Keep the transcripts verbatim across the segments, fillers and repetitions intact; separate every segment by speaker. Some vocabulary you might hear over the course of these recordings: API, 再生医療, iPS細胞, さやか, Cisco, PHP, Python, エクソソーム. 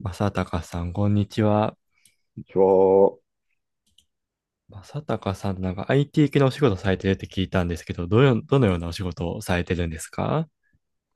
Speaker 1: 正隆さん、こんにちは。
Speaker 2: ちは、
Speaker 1: 正隆さん、なんか アイティー 系のお仕事されてるって聞いたんですけど、どのよ、どのようなお仕事をされてるんですか？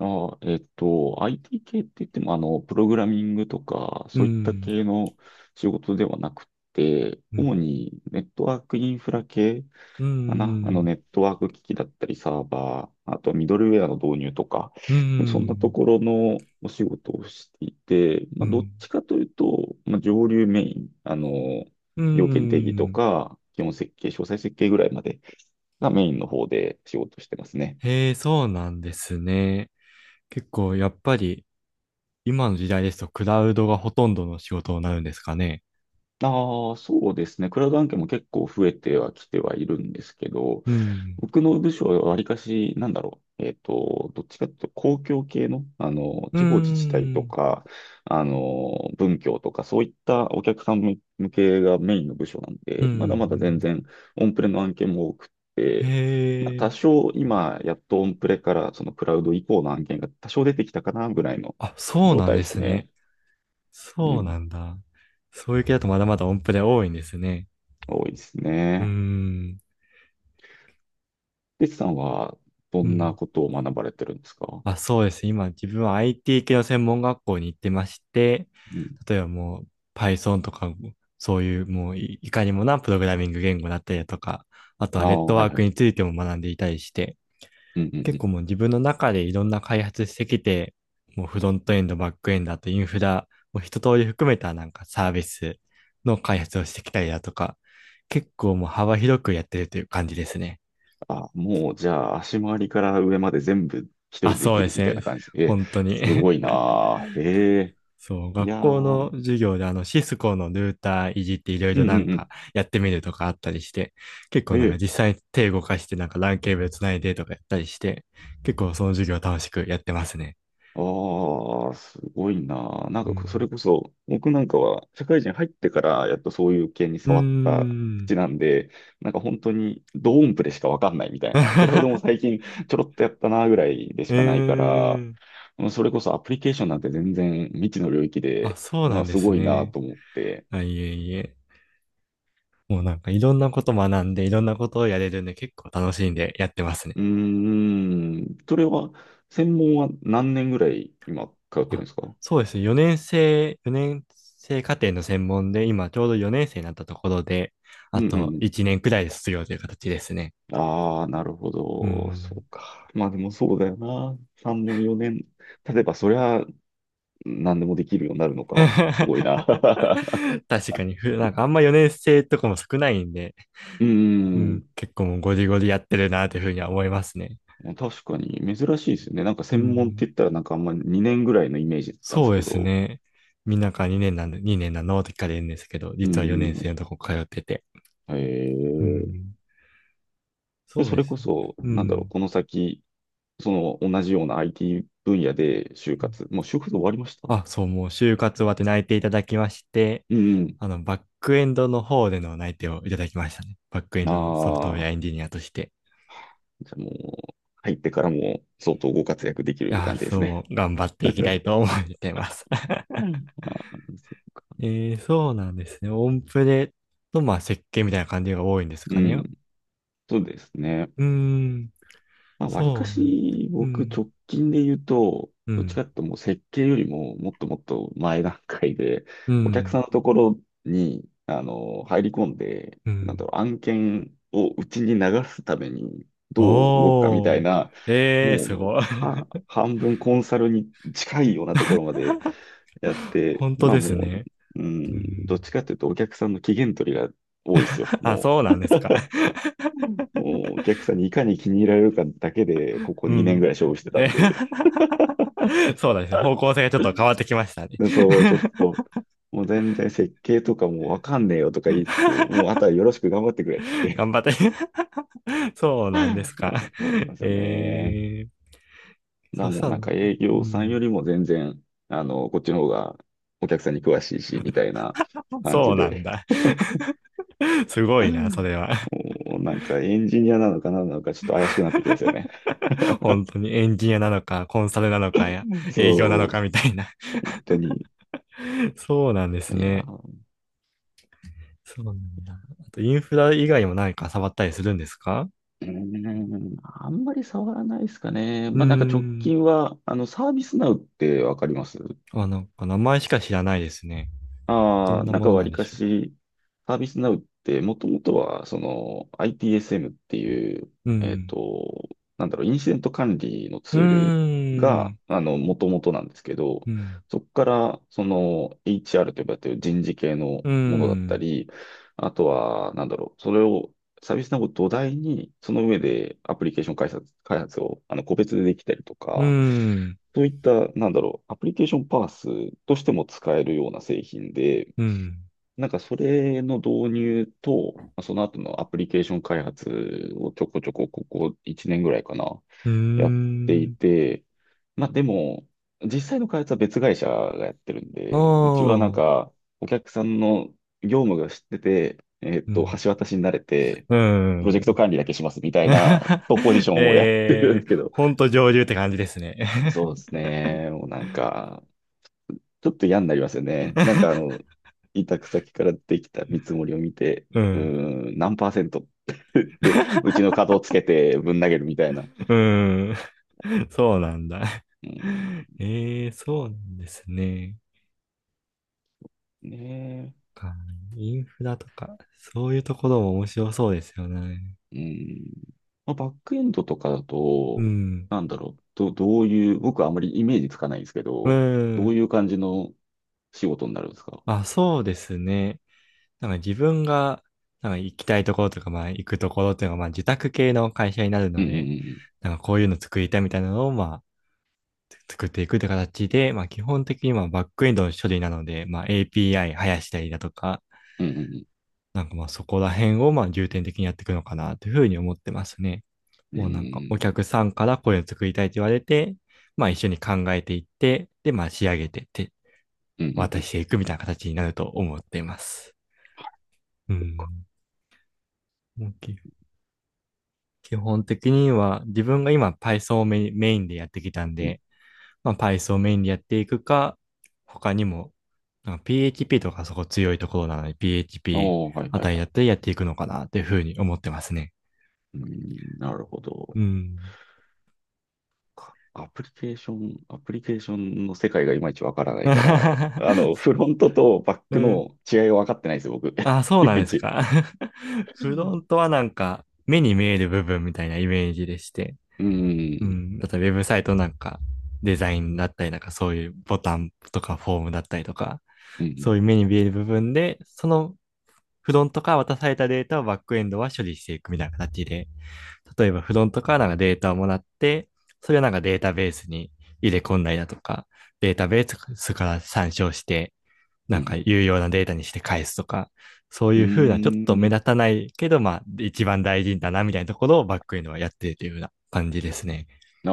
Speaker 2: あ、えっと、アイティー 系って言っても、あの、プログラミングとか、
Speaker 1: うー
Speaker 2: そういった
Speaker 1: ん。
Speaker 2: 系の仕事ではなくて、
Speaker 1: う
Speaker 2: 主
Speaker 1: ん。
Speaker 2: にネットワークインフラ系
Speaker 1: うー
Speaker 2: かな。あの、
Speaker 1: ん。
Speaker 2: ネットワーク機器だったり、サーバー、あとミドルウェアの導入とか、
Speaker 1: うー
Speaker 2: そんなと
Speaker 1: ん。
Speaker 2: ころのお仕事をしていて、ま
Speaker 1: う
Speaker 2: あ、どっ
Speaker 1: ん。
Speaker 2: ちかというと、まあ、上流メイン、あの、
Speaker 1: うー
Speaker 2: 要件定義と
Speaker 1: ん。
Speaker 2: か、基本設計、詳細設計ぐらいまでがメインの方で仕事してますね。
Speaker 1: へえ、そうなんですね。結構、やっぱり、今の時代ですと、クラウドがほとんどの仕事になるんですかね？
Speaker 2: ああ、そうですね。クラウド案件も結構増えてはきてはいるんですけど、
Speaker 1: うん。
Speaker 2: 僕の部署はわりかし、なんだろう。えっと、どっちかというと公共系の、あの、
Speaker 1: うー
Speaker 2: 地方自治体と
Speaker 1: ん。
Speaker 2: か、あの、文教とか、そういったお客さん向向けがメインの部署なん
Speaker 1: う
Speaker 2: で、まだまだ全
Speaker 1: ん。
Speaker 2: 然オンプレの案件も多くっ
Speaker 1: へ
Speaker 2: て、まあ、多
Speaker 1: え、
Speaker 2: 少今、やっとオンプレからそのクラウド以降の案件が多少出てきたかなぐらいの
Speaker 1: あ、そう
Speaker 2: 状
Speaker 1: なん
Speaker 2: 態で
Speaker 1: で
Speaker 2: す
Speaker 1: すね。
Speaker 2: ね。う
Speaker 1: そうな
Speaker 2: ん、
Speaker 1: んだ。そういう系だとまだまだ音符で多いんですね。
Speaker 2: 多いです
Speaker 1: うー
Speaker 2: ね。
Speaker 1: ん。
Speaker 2: リツさんはど
Speaker 1: う
Speaker 2: んな
Speaker 1: ん。
Speaker 2: ことを学ばれてるんですか？
Speaker 1: あ、そうです。今、自分は アイティー 系の専門学校に行ってまして、
Speaker 2: うん。
Speaker 1: 例えばもう Python とか、そういうもういいかにもなプログラミング言語だったりだとか、あと
Speaker 2: あ
Speaker 1: はネッ
Speaker 2: あ、
Speaker 1: ト
Speaker 2: は
Speaker 1: ワ
Speaker 2: い
Speaker 1: ー
Speaker 2: は
Speaker 1: ク
Speaker 2: い。
Speaker 1: についても学んでいたりして、
Speaker 2: うんうんう
Speaker 1: 結構
Speaker 2: ん。
Speaker 1: もう自分の中でいろんな開発してきて、もうフロントエンド、バックエンド、あとインフラを一通り含めたなんかサービスの開発をしてきたりだとか、結構もう幅広くやってるという感じですね。
Speaker 2: あ、もうじゃあ足回りから上まで全部一人
Speaker 1: あ、
Speaker 2: でで
Speaker 1: そう
Speaker 2: き
Speaker 1: で
Speaker 2: る
Speaker 1: す
Speaker 2: みたい
Speaker 1: ね。
Speaker 2: な感じ。え、
Speaker 1: 本当に。
Speaker 2: すごいな。 あ、へえ。
Speaker 1: そう、
Speaker 2: い
Speaker 1: 学
Speaker 2: や
Speaker 1: 校の
Speaker 2: ー。
Speaker 1: 授業であのシスコのルーターいじっていろい
Speaker 2: う
Speaker 1: ろ
Speaker 2: んう
Speaker 1: なん
Speaker 2: んう
Speaker 1: か
Speaker 2: ん。
Speaker 1: やってみるとかあったりして、結構
Speaker 2: へ
Speaker 1: なんか
Speaker 2: え。
Speaker 1: 実際に手動かしてなんかランケーブルつないでとかやったりして、結構その授業楽しくやってますね。
Speaker 2: ああ、すごいな。あ、な
Speaker 1: う
Speaker 2: んかそ
Speaker 1: ん。
Speaker 2: れこそ、僕なんかは社会人入ってからやっとそういう系に
Speaker 1: うー
Speaker 2: 触った
Speaker 1: ん。
Speaker 2: 口なんで、なんか本当にドーンプレしかわかんないみたいな。クラウドも 最近ちょろっとやったなぐらいで
Speaker 1: う
Speaker 2: しかないか
Speaker 1: ー
Speaker 2: ら、
Speaker 1: ん。
Speaker 2: うん、それこそアプリケーションなんて全然未知の領域
Speaker 1: あ、
Speaker 2: で、
Speaker 1: そう
Speaker 2: ま
Speaker 1: な
Speaker 2: あ
Speaker 1: んで
Speaker 2: す
Speaker 1: す
Speaker 2: ごいな
Speaker 1: ね。
Speaker 2: と思って。
Speaker 1: あ、いえいえ。もうなんかいろんなこと学んでいろんなことをやれるんで結構楽しんでやってますね。
Speaker 2: うーん、それは、専門は何年ぐらい今通ってるん
Speaker 1: あ、
Speaker 2: ですか？
Speaker 1: そうですね。よねん生、よねん生課程の専門で今ちょうどよねん生になったところで、
Speaker 2: う
Speaker 1: あ
Speaker 2: んう
Speaker 1: と
Speaker 2: ん。
Speaker 1: いちねんくらいで卒業という形ですね。
Speaker 2: ああ、なるほ
Speaker 1: う
Speaker 2: ど。そ
Speaker 1: ん。
Speaker 2: うか。まあでもそうだよな。さんねん、よねん。例えばそりゃ何でもできるようになるのか。すごいな。
Speaker 1: 確かにふ、なんかあんまよねん生とかも少ないんで、
Speaker 2: うー
Speaker 1: うん、
Speaker 2: ん。
Speaker 1: 結構もうゴリゴリやってるなというふうには思いますね。
Speaker 2: まあ確かに珍しいですよね。なんか
Speaker 1: う
Speaker 2: 専門っ
Speaker 1: ん。
Speaker 2: て言ったらなんかあんまにねんぐらいのイメージだったんで
Speaker 1: そ
Speaker 2: す
Speaker 1: うで
Speaker 2: け
Speaker 1: す
Speaker 2: ど。
Speaker 1: ね。みんなかにねんなんで、にねんなのって聞かれるんですけど、
Speaker 2: う
Speaker 1: 実は4
Speaker 2: ー
Speaker 1: 年生の
Speaker 2: ん。
Speaker 1: とこ通ってて。
Speaker 2: へ
Speaker 1: う
Speaker 2: え。
Speaker 1: ん。
Speaker 2: で、
Speaker 1: そう
Speaker 2: そ
Speaker 1: で
Speaker 2: れ
Speaker 1: す
Speaker 2: こ
Speaker 1: ね。
Speaker 2: そ、
Speaker 1: う
Speaker 2: なんだろう、
Speaker 1: ん。
Speaker 2: この先、その同じような アイティー 分野で就活、もう就活終わりました？
Speaker 1: あ、そう、もう就活終わって内定いただきまして、
Speaker 2: うん
Speaker 1: あの、バックエンドの方での内定をいただきましたね。バックエ
Speaker 2: う
Speaker 1: ン
Speaker 2: ん。
Speaker 1: ドのソフトウ
Speaker 2: あ
Speaker 1: ェア
Speaker 2: あ、
Speaker 1: エンジニアとして。
Speaker 2: じゃあもう、入ってからも相当ご活躍でき
Speaker 1: い
Speaker 2: る
Speaker 1: やー、
Speaker 2: 感じですね。
Speaker 1: そう、頑張っていきた いと思ってます。
Speaker 2: うん。あー、そ
Speaker 1: えー、そうなんですね。オンプレと、まあ、設計みたいな感じが多いんです
Speaker 2: う。う
Speaker 1: かね？
Speaker 2: ん、そうですね。
Speaker 1: うーん、
Speaker 2: まあ、わりか
Speaker 1: そうなんだ。
Speaker 2: し、
Speaker 1: う
Speaker 2: 僕、
Speaker 1: ん。
Speaker 2: 直近で言うと、
Speaker 1: う
Speaker 2: どっち
Speaker 1: ん。
Speaker 2: かっていうともう設計よりも、もっともっと前段階で、
Speaker 1: う
Speaker 2: お客さ
Speaker 1: ん。
Speaker 2: んのところに、あの、入り込んで、
Speaker 1: う
Speaker 2: なんだ
Speaker 1: ん。
Speaker 2: ろう、案件をうちに流すために、どう動くかみた
Speaker 1: お
Speaker 2: い
Speaker 1: ー。
Speaker 2: な、
Speaker 1: えー、す
Speaker 2: も
Speaker 1: ご
Speaker 2: う、
Speaker 1: い。
Speaker 2: は、半分コンサルに近いようなところまでやっ て、
Speaker 1: 本当
Speaker 2: まあ
Speaker 1: で
Speaker 2: も
Speaker 1: すね。
Speaker 2: う、う
Speaker 1: う
Speaker 2: ん、どっ
Speaker 1: ん。
Speaker 2: ちかっていうと、お客さんの期限取りが多いですよ。
Speaker 1: あ、
Speaker 2: も
Speaker 1: そう
Speaker 2: う、
Speaker 1: なんですか？
Speaker 2: うん、お客さんにいかに気に入られるかだけで、こ こ
Speaker 1: う
Speaker 2: にねんぐ
Speaker 1: ん。
Speaker 2: らい勝負してた
Speaker 1: え
Speaker 2: んで、
Speaker 1: そうなんですね。方向性がちょっと変わってきましたね。
Speaker 2: でそう、ちょっと、もう全然設計とかもうわかんねえよとか言いつつ、もうあとは よろしく頑張ってくれっつっ
Speaker 1: 頑
Speaker 2: て。
Speaker 1: 張って。そうな
Speaker 2: う
Speaker 1: んです
Speaker 2: ん、
Speaker 1: か？
Speaker 2: そうなんですよね。
Speaker 1: えー、
Speaker 2: だか
Speaker 1: そ
Speaker 2: ら
Speaker 1: し
Speaker 2: もう
Speaker 1: たら、
Speaker 2: なんか営
Speaker 1: う
Speaker 2: 業さんよ
Speaker 1: ん、
Speaker 2: りも全然、あの、こっちの方がお客さんに詳しいし、みたいな感
Speaker 1: そ
Speaker 2: じ
Speaker 1: うなん
Speaker 2: で、
Speaker 1: だ。すご
Speaker 2: う
Speaker 1: いな、そ
Speaker 2: ん、
Speaker 1: れは。
Speaker 2: もうなんかエンジニアなのか何なのかちょっと怪しくなってきますよね。
Speaker 1: 本当にエンジニアなのか、コンサルなのかや、
Speaker 2: うん、
Speaker 1: 営業な
Speaker 2: そ
Speaker 1: の
Speaker 2: う、
Speaker 1: かみたいな。
Speaker 2: 本当に。
Speaker 1: そうなんです
Speaker 2: いや
Speaker 1: ね。
Speaker 2: ー、
Speaker 1: そうなんだ。あと、インフラ以外も何か触ったりするんですか？
Speaker 2: うーん、あんまり触らないですかね。
Speaker 1: うー
Speaker 2: まあなんか直
Speaker 1: ん。
Speaker 2: 近は、あの、サービスナウってわかります？
Speaker 1: あ、なんか名前しか知らないですね。ど
Speaker 2: あ
Speaker 1: ん
Speaker 2: あ、
Speaker 1: な
Speaker 2: なん
Speaker 1: も
Speaker 2: か
Speaker 1: の
Speaker 2: わ
Speaker 1: なん
Speaker 2: り
Speaker 1: で
Speaker 2: か
Speaker 1: しょ
Speaker 2: し、サービスナウってもともとは、その アイティーエスエム っていう、
Speaker 1: う？う
Speaker 2: えっ
Speaker 1: ん。
Speaker 2: と、なんだろう、インシデント管理の
Speaker 1: う
Speaker 2: ツール
Speaker 1: ー
Speaker 2: が、
Speaker 1: ん。
Speaker 2: あの、もともとなんですけど、
Speaker 1: うん。
Speaker 2: そこから、その エイチアール と呼ばれている人事系の
Speaker 1: うー
Speaker 2: ものだった
Speaker 1: ん。
Speaker 2: り、あとは、なんだろう、それを、サービスナウを土台に、その上でアプリケーション開発、開発を、あの、個別でできたりと
Speaker 1: うー
Speaker 2: か、
Speaker 1: ん。
Speaker 2: そういった、なんだろう、アプリケーションパースとしても使えるような製品で、
Speaker 1: うん。
Speaker 2: なんかそれの導入と、まあその後のアプリケーション開発をちょこちょこここいちねんぐらいかな、
Speaker 1: うー
Speaker 2: やってい
Speaker 1: ん。
Speaker 2: て、まあでも、実際の開発は別会社がやってるん
Speaker 1: お
Speaker 2: で、うちはなん
Speaker 1: ー。
Speaker 2: かお客さんの業務が知ってて、えーっ
Speaker 1: う
Speaker 2: と、
Speaker 1: ん。
Speaker 2: 橋渡しになれて、
Speaker 1: う
Speaker 2: プロジェ
Speaker 1: ん。
Speaker 2: クト管理だけしますみたいな、トップポジシ ョンをやってるん
Speaker 1: え
Speaker 2: です
Speaker 1: ー、
Speaker 2: けど、
Speaker 1: ほんと上流って感じですね。
Speaker 2: そうですね、もうなんか、ちょっと嫌になりますよね。なんかあの、委託先からできた見積もりを見て、
Speaker 1: う
Speaker 2: う
Speaker 1: ん。
Speaker 2: ーん、何パーセント ってうちの角をつけてぶん投げるみたいな。う
Speaker 1: うん。そうなんだ。
Speaker 2: ん、
Speaker 1: ええ、そうなんですね。
Speaker 2: ね
Speaker 1: かインフラとか、そういうところも面白そうですよね。
Speaker 2: え。うん。まあ、バックエンドとかだ
Speaker 1: う
Speaker 2: と、
Speaker 1: ん。
Speaker 2: なんだろう、ど、どういう、僕はあまりイメージつかないんですけ
Speaker 1: う
Speaker 2: ど、ど
Speaker 1: ん。
Speaker 2: ういう感じの仕事になるんですか？
Speaker 1: あ、そうですね。なんか自分が、なんか行きたいところとか、まあ行くところっていうのが、まあ受託系の会社になる
Speaker 2: うん
Speaker 1: の
Speaker 2: う
Speaker 1: で、
Speaker 2: ん
Speaker 1: なんかこういうの作りたいみたいなのを、まあ、作っていくって形で、まあ基本的にまあバックエンドの処理なので、まあ エーピーアイ 生やしたりだとか、
Speaker 2: うんうん。
Speaker 1: なんかまあそこら辺をまあ重点的にやっていくのかなというふうに思ってますね。
Speaker 2: うんう
Speaker 1: もうなんかお
Speaker 2: ん
Speaker 1: 客さんからこういうの作りたいと言われて、まあ一緒に考えていって、でまあ仕上げてって
Speaker 2: うん。うんうんう
Speaker 1: 渡
Speaker 2: ん
Speaker 1: していくみたいな形になると思っています。うん。もう基基本的には自分が今 Python をメインメインでやってきたん
Speaker 2: うん。
Speaker 1: で、まあ Python をメインでやっていくか、他にもなんか ピーエイチピー とかそこ強いところなので ピーエイチピー
Speaker 2: おー、はい
Speaker 1: あ
Speaker 2: はい
Speaker 1: たりだ
Speaker 2: は
Speaker 1: ったらやっていくのかなというふうに思ってますね。
Speaker 2: い。うん、なるほど。
Speaker 1: うん。
Speaker 2: かアプリケーション、アプリケーションの世界がいまいちわからないから、あの、フロントとバッ
Speaker 1: う
Speaker 2: ク
Speaker 1: ん。
Speaker 2: の違いが分かってないですよ、僕。
Speaker 1: あ、そう
Speaker 2: い
Speaker 1: なん
Speaker 2: まい
Speaker 1: です
Speaker 2: ち。
Speaker 1: か？フロントはなんか、目に見える部分みたいなイメージでして。
Speaker 2: う
Speaker 1: う
Speaker 2: ん、
Speaker 1: ん。あと、ウェブサイトなんか、デザインだったりなんか、そういうボタンとかフォームだったりとか、
Speaker 2: うん、
Speaker 1: そういう目に見える部分で、そのフロントから渡されたデータをバックエンドは処理していくみたいな形で、例えばフロントからなんかデータをもらって、それをなんかデータベースに入れ込んだりだとか、データベースから参照して、
Speaker 2: う
Speaker 1: なんか
Speaker 2: ん、
Speaker 1: 有用なデータにして返すとか、そう
Speaker 2: う
Speaker 1: いうふうな、ちょっと目
Speaker 2: ん。
Speaker 1: 立たないけど、まあ、一番大事だな、みたいなところをバックエンドはやってるというような感じですね。
Speaker 2: あ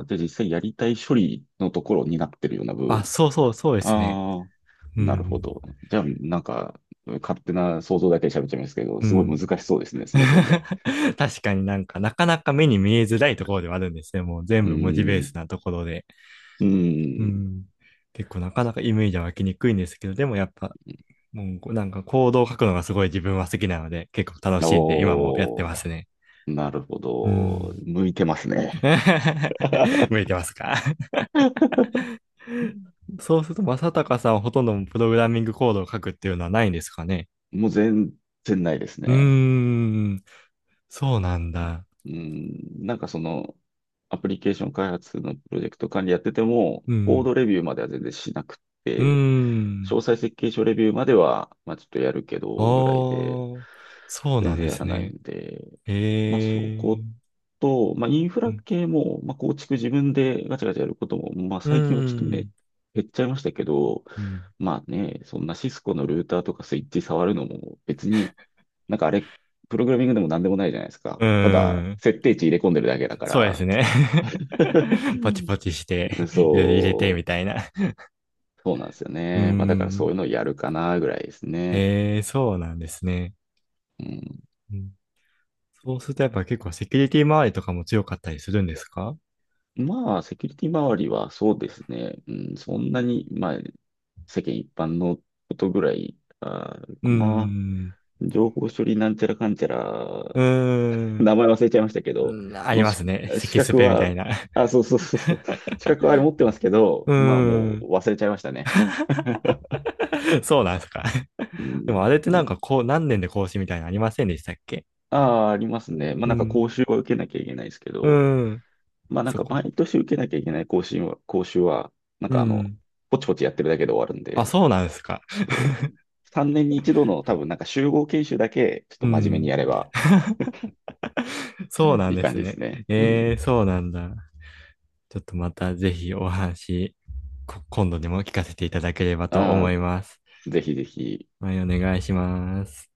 Speaker 2: あー、じゃあ実際やりたい処理のところになってるような部
Speaker 1: あ、
Speaker 2: 分。
Speaker 1: そうそう、そうですね。
Speaker 2: ああ、
Speaker 1: う
Speaker 2: なるほ
Speaker 1: ん。
Speaker 2: ど。じゃあ、なんか、勝手な想像だけで喋っちゃいますけど、
Speaker 1: う
Speaker 2: すごい
Speaker 1: ん。
Speaker 2: 難しそうですね、その分野。
Speaker 1: 確かになんか、なかなか目に見えづらいところではあるんですね。もう全
Speaker 2: う
Speaker 1: 部文字ベー
Speaker 2: ー
Speaker 1: ス
Speaker 2: ん、
Speaker 1: なところで。
Speaker 2: う
Speaker 1: う
Speaker 2: ーん。
Speaker 1: ん。結構なかなかイメージは湧きにくいんですけど、でもやっぱ、もうなんか行動を書くのがすごい自分は好きなので、結構楽しいんで、今もやって
Speaker 2: おー、
Speaker 1: ますね。
Speaker 2: なるほ
Speaker 1: う
Speaker 2: ど。
Speaker 1: ん。
Speaker 2: 向いてますね。
Speaker 1: 向いてますか？ そうすると、正隆さんはほとんどプログラミングコードを書くっていうのはないんですかね？
Speaker 2: もう全然ないです
Speaker 1: う
Speaker 2: ね。
Speaker 1: ーん、そうなんだ。
Speaker 2: うん、なんかその、アプリケーション開発のプロジェクト管理やってても、
Speaker 1: う
Speaker 2: コー
Speaker 1: ん、
Speaker 2: ドレビューまでは全然しなくっ
Speaker 1: うー
Speaker 2: て、詳
Speaker 1: ん。
Speaker 2: 細設計書レビューまでは、まあちょっとやるけど、ぐらいで、
Speaker 1: おー、そう
Speaker 2: 全
Speaker 1: なん
Speaker 2: 然
Speaker 1: で
Speaker 2: やら
Speaker 1: す
Speaker 2: ない
Speaker 1: ね。
Speaker 2: んで、
Speaker 1: え
Speaker 2: まあ、そこ
Speaker 1: ー、
Speaker 2: と、まあ、インフ
Speaker 1: う
Speaker 2: ラ
Speaker 1: ん、
Speaker 2: 系も、まあ、構築自分でガチャガチャやることも、まあ、
Speaker 1: うー
Speaker 2: 最近はちょっとめ、
Speaker 1: ん、
Speaker 2: 減っちゃいましたけど、
Speaker 1: うん、
Speaker 2: まあね、そんなシスコのルーターとかスイッチ触るのも別に、なんかあれ、プログラミングでも何でもないじゃないですか。
Speaker 1: うー
Speaker 2: ただ、
Speaker 1: ん、
Speaker 2: 設定値入れ込んでるだけだか
Speaker 1: そうで
Speaker 2: ら。
Speaker 1: すね。ポチポチして、いろいろ入れて、
Speaker 2: そ
Speaker 1: みたいな。
Speaker 2: う、そうなんですよ
Speaker 1: うー
Speaker 2: ね。まあだからそういう
Speaker 1: ん、
Speaker 2: のをやるかなぐらいですね。
Speaker 1: えー、そうなんですね。
Speaker 2: うん、
Speaker 1: うん、そうするとやっぱ結構セキュリティ周りとかも強かったりするんですか？う
Speaker 2: まあ、セキュリティ周りはそうですね。うん、そんなに、まあ、世間一般のことぐらいあー
Speaker 1: ー
Speaker 2: かな。
Speaker 1: ん。
Speaker 2: 情報処理なんちゃらかんちゃら、
Speaker 1: うーん。
Speaker 2: 名前忘れちゃいましたけど、
Speaker 1: うん、あり
Speaker 2: の
Speaker 1: ま
Speaker 2: し
Speaker 1: すね。
Speaker 2: 資
Speaker 1: 咳ス
Speaker 2: 格
Speaker 1: ペみた
Speaker 2: は、
Speaker 1: いな。
Speaker 2: あ、そうそうそうそう、資格はあれ持ってますけ
Speaker 1: う
Speaker 2: ど、まあ
Speaker 1: ー
Speaker 2: もう
Speaker 1: ん。
Speaker 2: 忘れちゃいましたね。
Speaker 1: そうなんですか？
Speaker 2: う
Speaker 1: で
Speaker 2: ん、
Speaker 1: もあれって
Speaker 2: も
Speaker 1: な
Speaker 2: う
Speaker 1: んかこう、何年で更新みたいなのありませんでしたっけ？
Speaker 2: ああ、ありますね。まあ
Speaker 1: う
Speaker 2: なんか
Speaker 1: ん。
Speaker 2: 講習は受けなきゃいけないですけ
Speaker 1: う
Speaker 2: ど、
Speaker 1: ーん。
Speaker 2: まあなん
Speaker 1: そ
Speaker 2: か
Speaker 1: こ。
Speaker 2: 毎年受けなきゃいけない講習は、講習は、なん
Speaker 1: う
Speaker 2: かあの、
Speaker 1: ん。
Speaker 2: ポチポチやってるだけで終わるん
Speaker 1: あ、
Speaker 2: で、
Speaker 1: そうなんですか？
Speaker 2: そう、さんねんに一度の多分なんか集合研修だけ、ちょっ
Speaker 1: う
Speaker 2: と真面目に
Speaker 1: ん。
Speaker 2: やれば、
Speaker 1: そうなん
Speaker 2: いい
Speaker 1: で
Speaker 2: 感
Speaker 1: す
Speaker 2: じで
Speaker 1: ね。
Speaker 2: すね。う
Speaker 1: え
Speaker 2: ん。
Speaker 1: ー、そうなんだ。ちょっとまたぜひお話、こ今度でも聞かせていただければと
Speaker 2: あ
Speaker 1: 思います。
Speaker 2: あ、ぜひぜひ、
Speaker 1: はい、お願いします。